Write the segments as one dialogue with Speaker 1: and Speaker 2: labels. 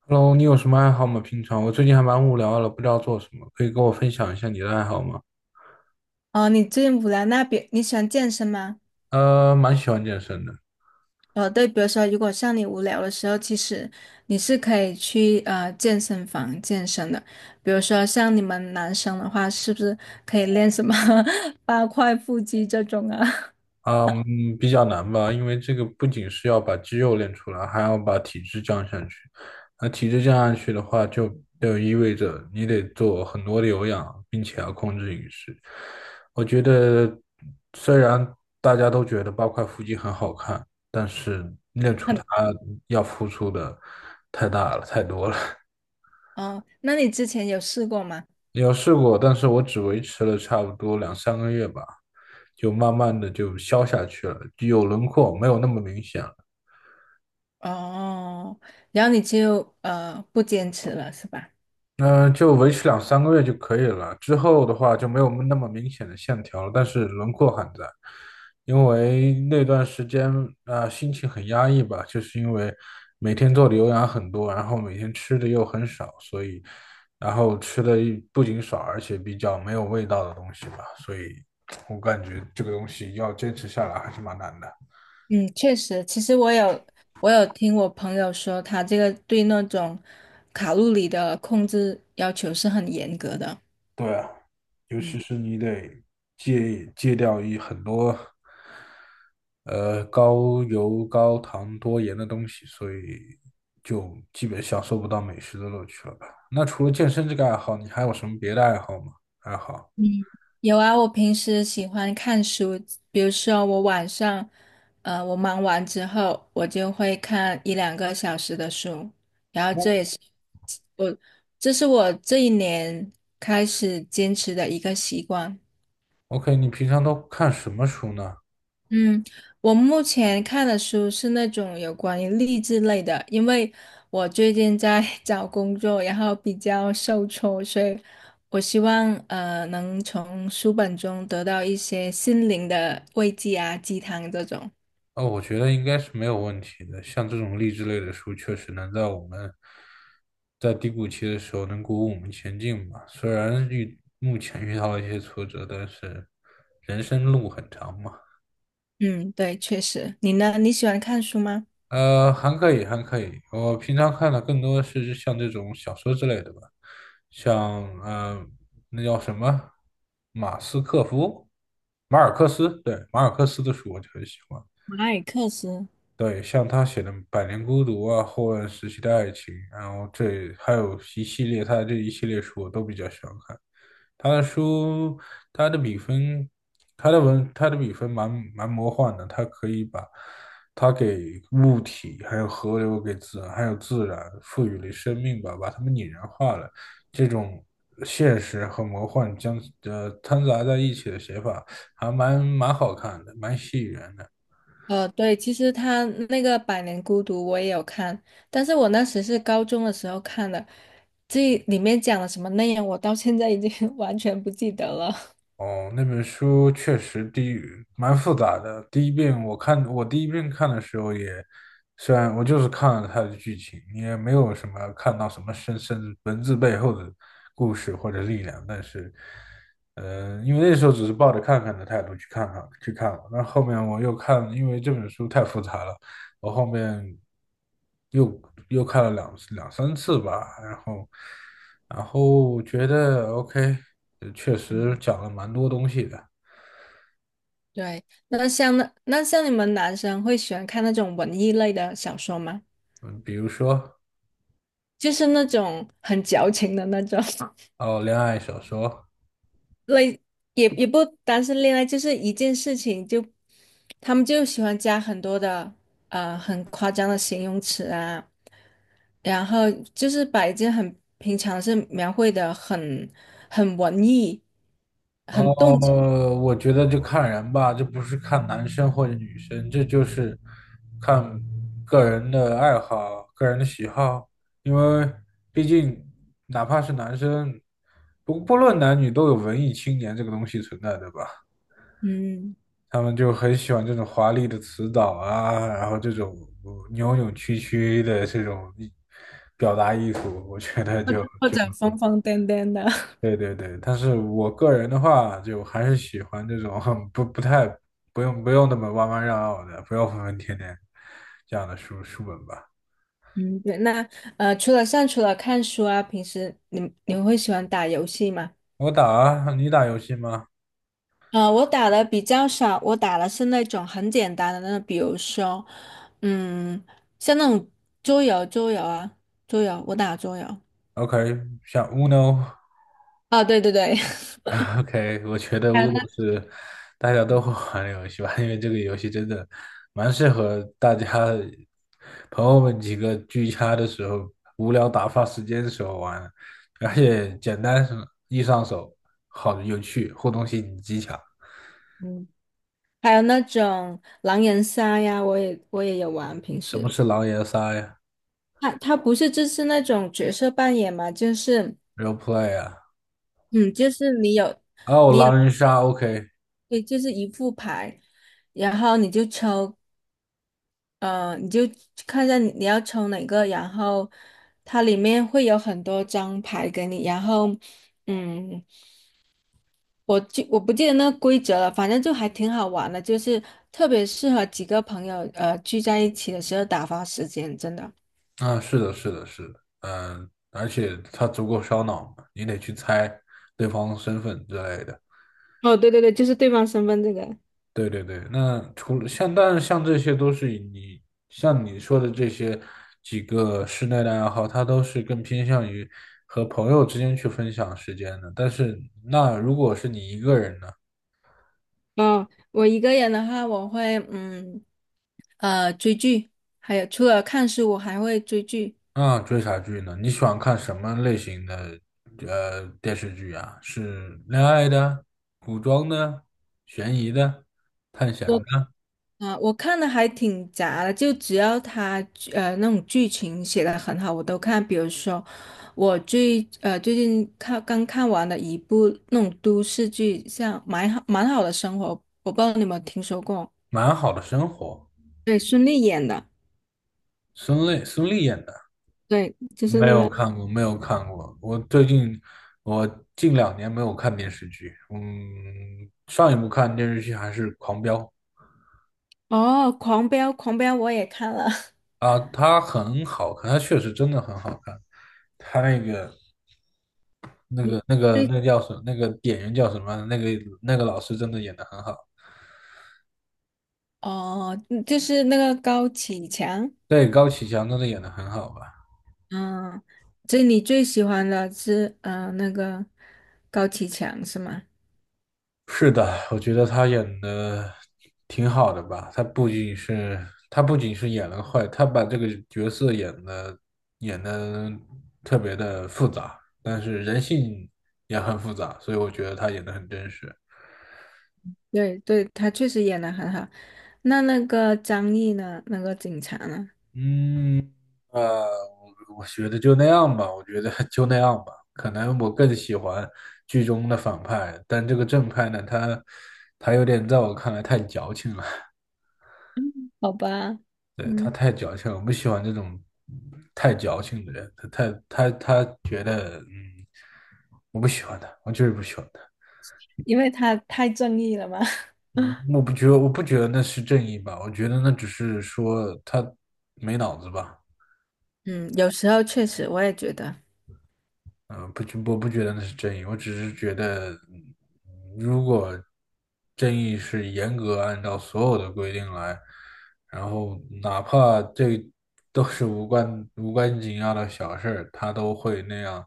Speaker 1: Hello，你有什么爱好吗？平常我最近还蛮无聊的，不知道做什么，可以跟我分享一下你的爱好吗？
Speaker 2: 哦，你最近无聊，那比你喜欢健身吗？
Speaker 1: 蛮喜欢健身的。
Speaker 2: 哦，对，比如说，如果像你无聊的时候，其实你是可以去健身房健身的。比如说，像你们男生的话，是不是可以练什么 八块腹肌这种啊？
Speaker 1: 嗯，比较难吧，因为这个不仅是要把肌肉练出来，还要把体质降下去。那体质降下去的话，就意味着你得做很多的有氧，并且要控制饮食。我觉得，虽然大家都觉得8块腹肌很好看，但是练 出
Speaker 2: 很
Speaker 1: 它要付出的太大了，太多了。
Speaker 2: 哦，那你之前有试过吗？
Speaker 1: 有试过，但是我只维持了差不多两三个月吧，就慢慢的就消下去了，就有轮廓，没有那么明显了。
Speaker 2: 哦，然后你就不坚持了，是吧？
Speaker 1: 嗯、就维持两三个月就可以了。之后的话就没有那么明显的线条了，但是轮廓还在。因为那段时间啊、心情很压抑吧，就是因为每天做的有氧很多，然后每天吃的又很少，所以然后吃的不仅少，而且比较没有味道的东西吧，所以我感觉这个东西要坚持下来还是蛮难的。
Speaker 2: 嗯，确实，其实我有听我朋友说，他这个对那种卡路里的控制要求是很严格的。
Speaker 1: 对啊，尤其
Speaker 2: 嗯，
Speaker 1: 是你得戒掉一很多。高油、高糖、多盐的东西，所以就基本享受不到美食的乐趣了吧？那除了健身这个爱好，你还有什么别的爱好吗？爱好
Speaker 2: 有啊，我平时喜欢看书，比如说我晚上，我忙完之后，我就会看一两个小时的书，然后
Speaker 1: 嗯
Speaker 2: 这也是我，这是我这一年开始坚持的一个习惯。
Speaker 1: ？OK，你平常都看什么书呢？
Speaker 2: 嗯，我目前看的书是那种有关于励志类的，因为我最近在 找工作，然后比较受挫，所以我希望能从书本中得到一些心灵的慰藉啊，鸡汤这种。
Speaker 1: 哦，我觉得应该是没有问题的。像这种励志类的书，确实能在我们在低谷期的时候能鼓舞我们前进吧。虽然遇目前遇到了一些挫折，但是人生路很长嘛。
Speaker 2: 嗯，对，确实。你呢？你喜欢看书吗？
Speaker 1: 还可以，还可以。我平常看的更多是像这种小说之类的吧，像那叫什么，马斯克夫，马尔克斯，对，马尔克斯的书我就很喜欢。
Speaker 2: 马尔克斯。
Speaker 1: 对，像他写的《百年孤独》啊，《后乱时期的爱情》，然后这还有一系列他的这一系列书我都比较喜欢看。他的书，他的笔分，他的文，他的笔分蛮魔幻的，他可以把他给物体、还有河流、给自然、还有自然赋予了生命吧，把它们拟人化了。这种现实和魔幻将掺杂在一起的写法，还蛮好看的，蛮吸引人的。
Speaker 2: 呃，对，其实他那个《百年孤独》我也有看，但是我那时是高中的时候看的，这里面讲了什么内容，我到现在已经 完全不记得了。
Speaker 1: 哦，那本书确实第一蛮复杂的。第一遍我看，我第一遍看的时候也，虽然我就是看了它的剧情，也没有什么看到什么深文字背后的故事或者力量，但是，因为那时候只是抱着看看的态度去看看去看了，那后面我又看，因为这本书太复杂了，我后面又又看了两三次吧，然后觉得 OK，确实讲了蛮多东西的。
Speaker 2: 对，那像那像你们男生会喜欢看那种文艺类的小说吗？
Speaker 1: 嗯，比如说
Speaker 2: 就是那种很矫情的那种
Speaker 1: 哦，恋爱小说。
Speaker 2: 类，也不单是恋爱，就是一件事情就，他们就喜欢加很多的很夸张的形容词啊。然后就是把一件很平常的事描绘的很很文艺，很动情，
Speaker 1: 哦，我觉得就看人吧，这不是看男生或者女生，这就是看个人的爱好、个人的喜好，因为毕竟哪怕是男生，不论男女，都有文艺青年这个东西存在，对吧？
Speaker 2: 嗯，
Speaker 1: 他们就很喜欢这种华丽的词藻啊，然后这种扭扭曲曲的这种艺表达艺术，我觉得
Speaker 2: 或
Speaker 1: 就
Speaker 2: 者或
Speaker 1: 就
Speaker 2: 者疯疯癫癫的，
Speaker 1: 对对对。但是我个人的话，就还是喜欢这种很不太不用那么弯弯绕绕的，不要疯疯癫癫这样的书本吧。
Speaker 2: 嗯，对。那除了像除了看书啊，平时你会喜欢打游戏吗？
Speaker 1: 我打啊，你打游戏吗
Speaker 2: 呃，我打的比较少，我打的是那种很简单的那种，比如说，嗯，像那种桌游，桌游啊，桌游，我打桌游。
Speaker 1: ？OK，像 u n。
Speaker 2: 啊，对对对，
Speaker 1: OK，我觉得
Speaker 2: 还有
Speaker 1: u
Speaker 2: 那。
Speaker 1: n 是大家都会玩的游戏吧，因为这个游戏真的蛮适合大家朋友们几个聚餐的时候、无聊打发时间的时候玩，而且简单是易上手，好有趣，互动性极强。
Speaker 2: 还有那种狼人杀呀，我也有玩。平
Speaker 1: 什么
Speaker 2: 时
Speaker 1: 是狼人杀呀
Speaker 2: 它不是就是那种角色扮演嘛，就是
Speaker 1: ？Role play 啊？
Speaker 2: 嗯，就是你有
Speaker 1: 哦，
Speaker 2: 你有
Speaker 1: 狼人杀，OK。
Speaker 2: 对，就是一副牌，然后你就抽，你就看一下你要抽哪个，然后它里面会有很多张牌给你，然后嗯，我不记得那个规则了，反正就还挺好玩的，就是特别适合几个朋友聚在一起的时候打发时间，真的。
Speaker 1: 啊，是的，是的，是的。嗯，而且它足够烧脑嘛，你得去猜对方身份之类的。
Speaker 2: 哦，对对对，就是对方身份这个。
Speaker 1: 对对对。那除了像，但是像这些都是以你像你说的这些几个室内的爱好，它都是更偏向于和朋友之间去分享时间的。但是那如果是你一个人呢？
Speaker 2: 嗯，我一个人的话，我会嗯追剧，还有除了看书，我还会追剧。
Speaker 1: 那追啥剧呢？你喜欢看什么类型的电视剧啊？是恋爱的、古装的、悬疑的、探险
Speaker 2: 我
Speaker 1: 的，
Speaker 2: 我看的还挺杂的，就只要他那种剧情写的很好，我都看。比如说最近看刚看完的一部那种都市剧，像《蛮好蛮好的生活》，我不知道你有没有听说过？
Speaker 1: 蛮好的生活，孙俪演的。
Speaker 2: 对，就是
Speaker 1: 没
Speaker 2: 那
Speaker 1: 有
Speaker 2: 个，
Speaker 1: 看过，没有看过。我近两年没有看电视剧。嗯，上一部看电视剧还是《狂飙》
Speaker 2: 哦，《狂飙》，《狂飙》我也看了。
Speaker 1: 啊，它很好看，它确实真的很好看。他那个、那 个、那个、
Speaker 2: 你
Speaker 1: 那个叫什么那个演员叫什么？那个那个老师真的演的很好。
Speaker 2: 哦，嗯就是那个高启强，
Speaker 1: 对，高启强真的演的很好吧？
Speaker 2: 嗯，这你最喜欢的是那个高启强是吗？
Speaker 1: 是的，我觉得他演的挺好的吧。他不仅是演了坏，他把这个角色演的特别的复杂，但是人性也很复杂，所以我觉得他演的很真实。
Speaker 2: 对对，他确实演的很好。那那个张译呢？那个警察呢？
Speaker 1: 嗯，呃，我觉得就那样吧，我觉得 就那样吧。可能我更喜欢剧中的反派，但这个正派呢，他他有点在我看来太矫情了。
Speaker 2: 好吧，
Speaker 1: 对，他
Speaker 2: 嗯，
Speaker 1: 太矫情了，我不喜欢这种太矫情的人。他太他他觉得，嗯，我不喜欢他，我就是不喜欢他。
Speaker 2: 因为他太正义了嘛。
Speaker 1: 嗯，我不觉得那是正义吧，我觉得那只是说他没脑子吧。
Speaker 2: 嗯，有时候确实我也觉得，
Speaker 1: 嗯，不觉，我不觉得那是正义，我只是觉得，嗯如果正义是严格按照所有的规定来，然后哪怕这都是无关紧要的小事儿，他都会那样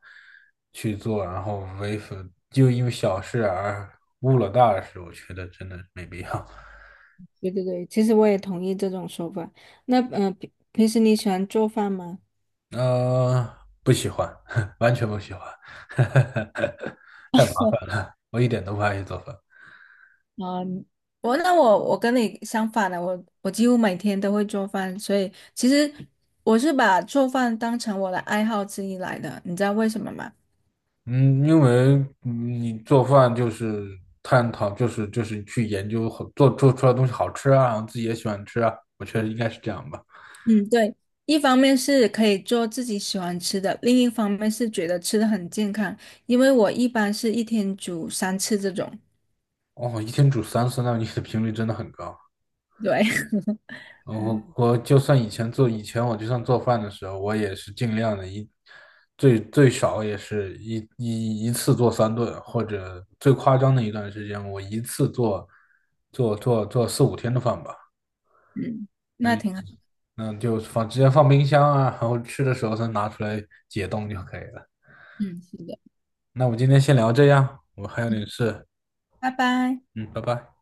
Speaker 1: 去做，然后为反，就因为小事而误了大事，我觉得真的没必要。
Speaker 2: 对对对，其实我也同意这种说法。那平时你喜欢做饭吗？
Speaker 1: 呃，不喜欢。完全不喜欢。太麻烦，我一点都不爱去做饭。
Speaker 2: 嗯，我跟你相反的，我几乎每天都会做饭，所以其实我是把做饭当成我的爱好之一来的，你知道为什么吗？
Speaker 1: 嗯，因为你做饭就是探讨，就是去研究好做做出来的东西好吃啊，然后自己也喜欢吃啊，我觉得应该是这样吧。
Speaker 2: 嗯，对，一方面是可以做自己喜欢吃的，另一方面是觉得吃的很健康，因为我一般是一天煮三次这种，
Speaker 1: 哦，一天煮三次，那你的频率真的很高。
Speaker 2: 对，
Speaker 1: 我
Speaker 2: 嗯
Speaker 1: 我就算以前做，以前我就算做饭的时候，我也是尽量的最少也是一次做3顿，或者最夸张的一段时间，我一次做四五天的饭吧。
Speaker 2: 嗯，那
Speaker 1: 嗯
Speaker 2: 挺好，
Speaker 1: 那就直接放冰箱啊，然后吃的时候再拿出来解冻就可以了。
Speaker 2: 嗯，是的，
Speaker 1: 那我们今天先聊这样，我还有
Speaker 2: 嗯，
Speaker 1: 点事，
Speaker 2: 拜拜。
Speaker 1: 嗯，拜拜。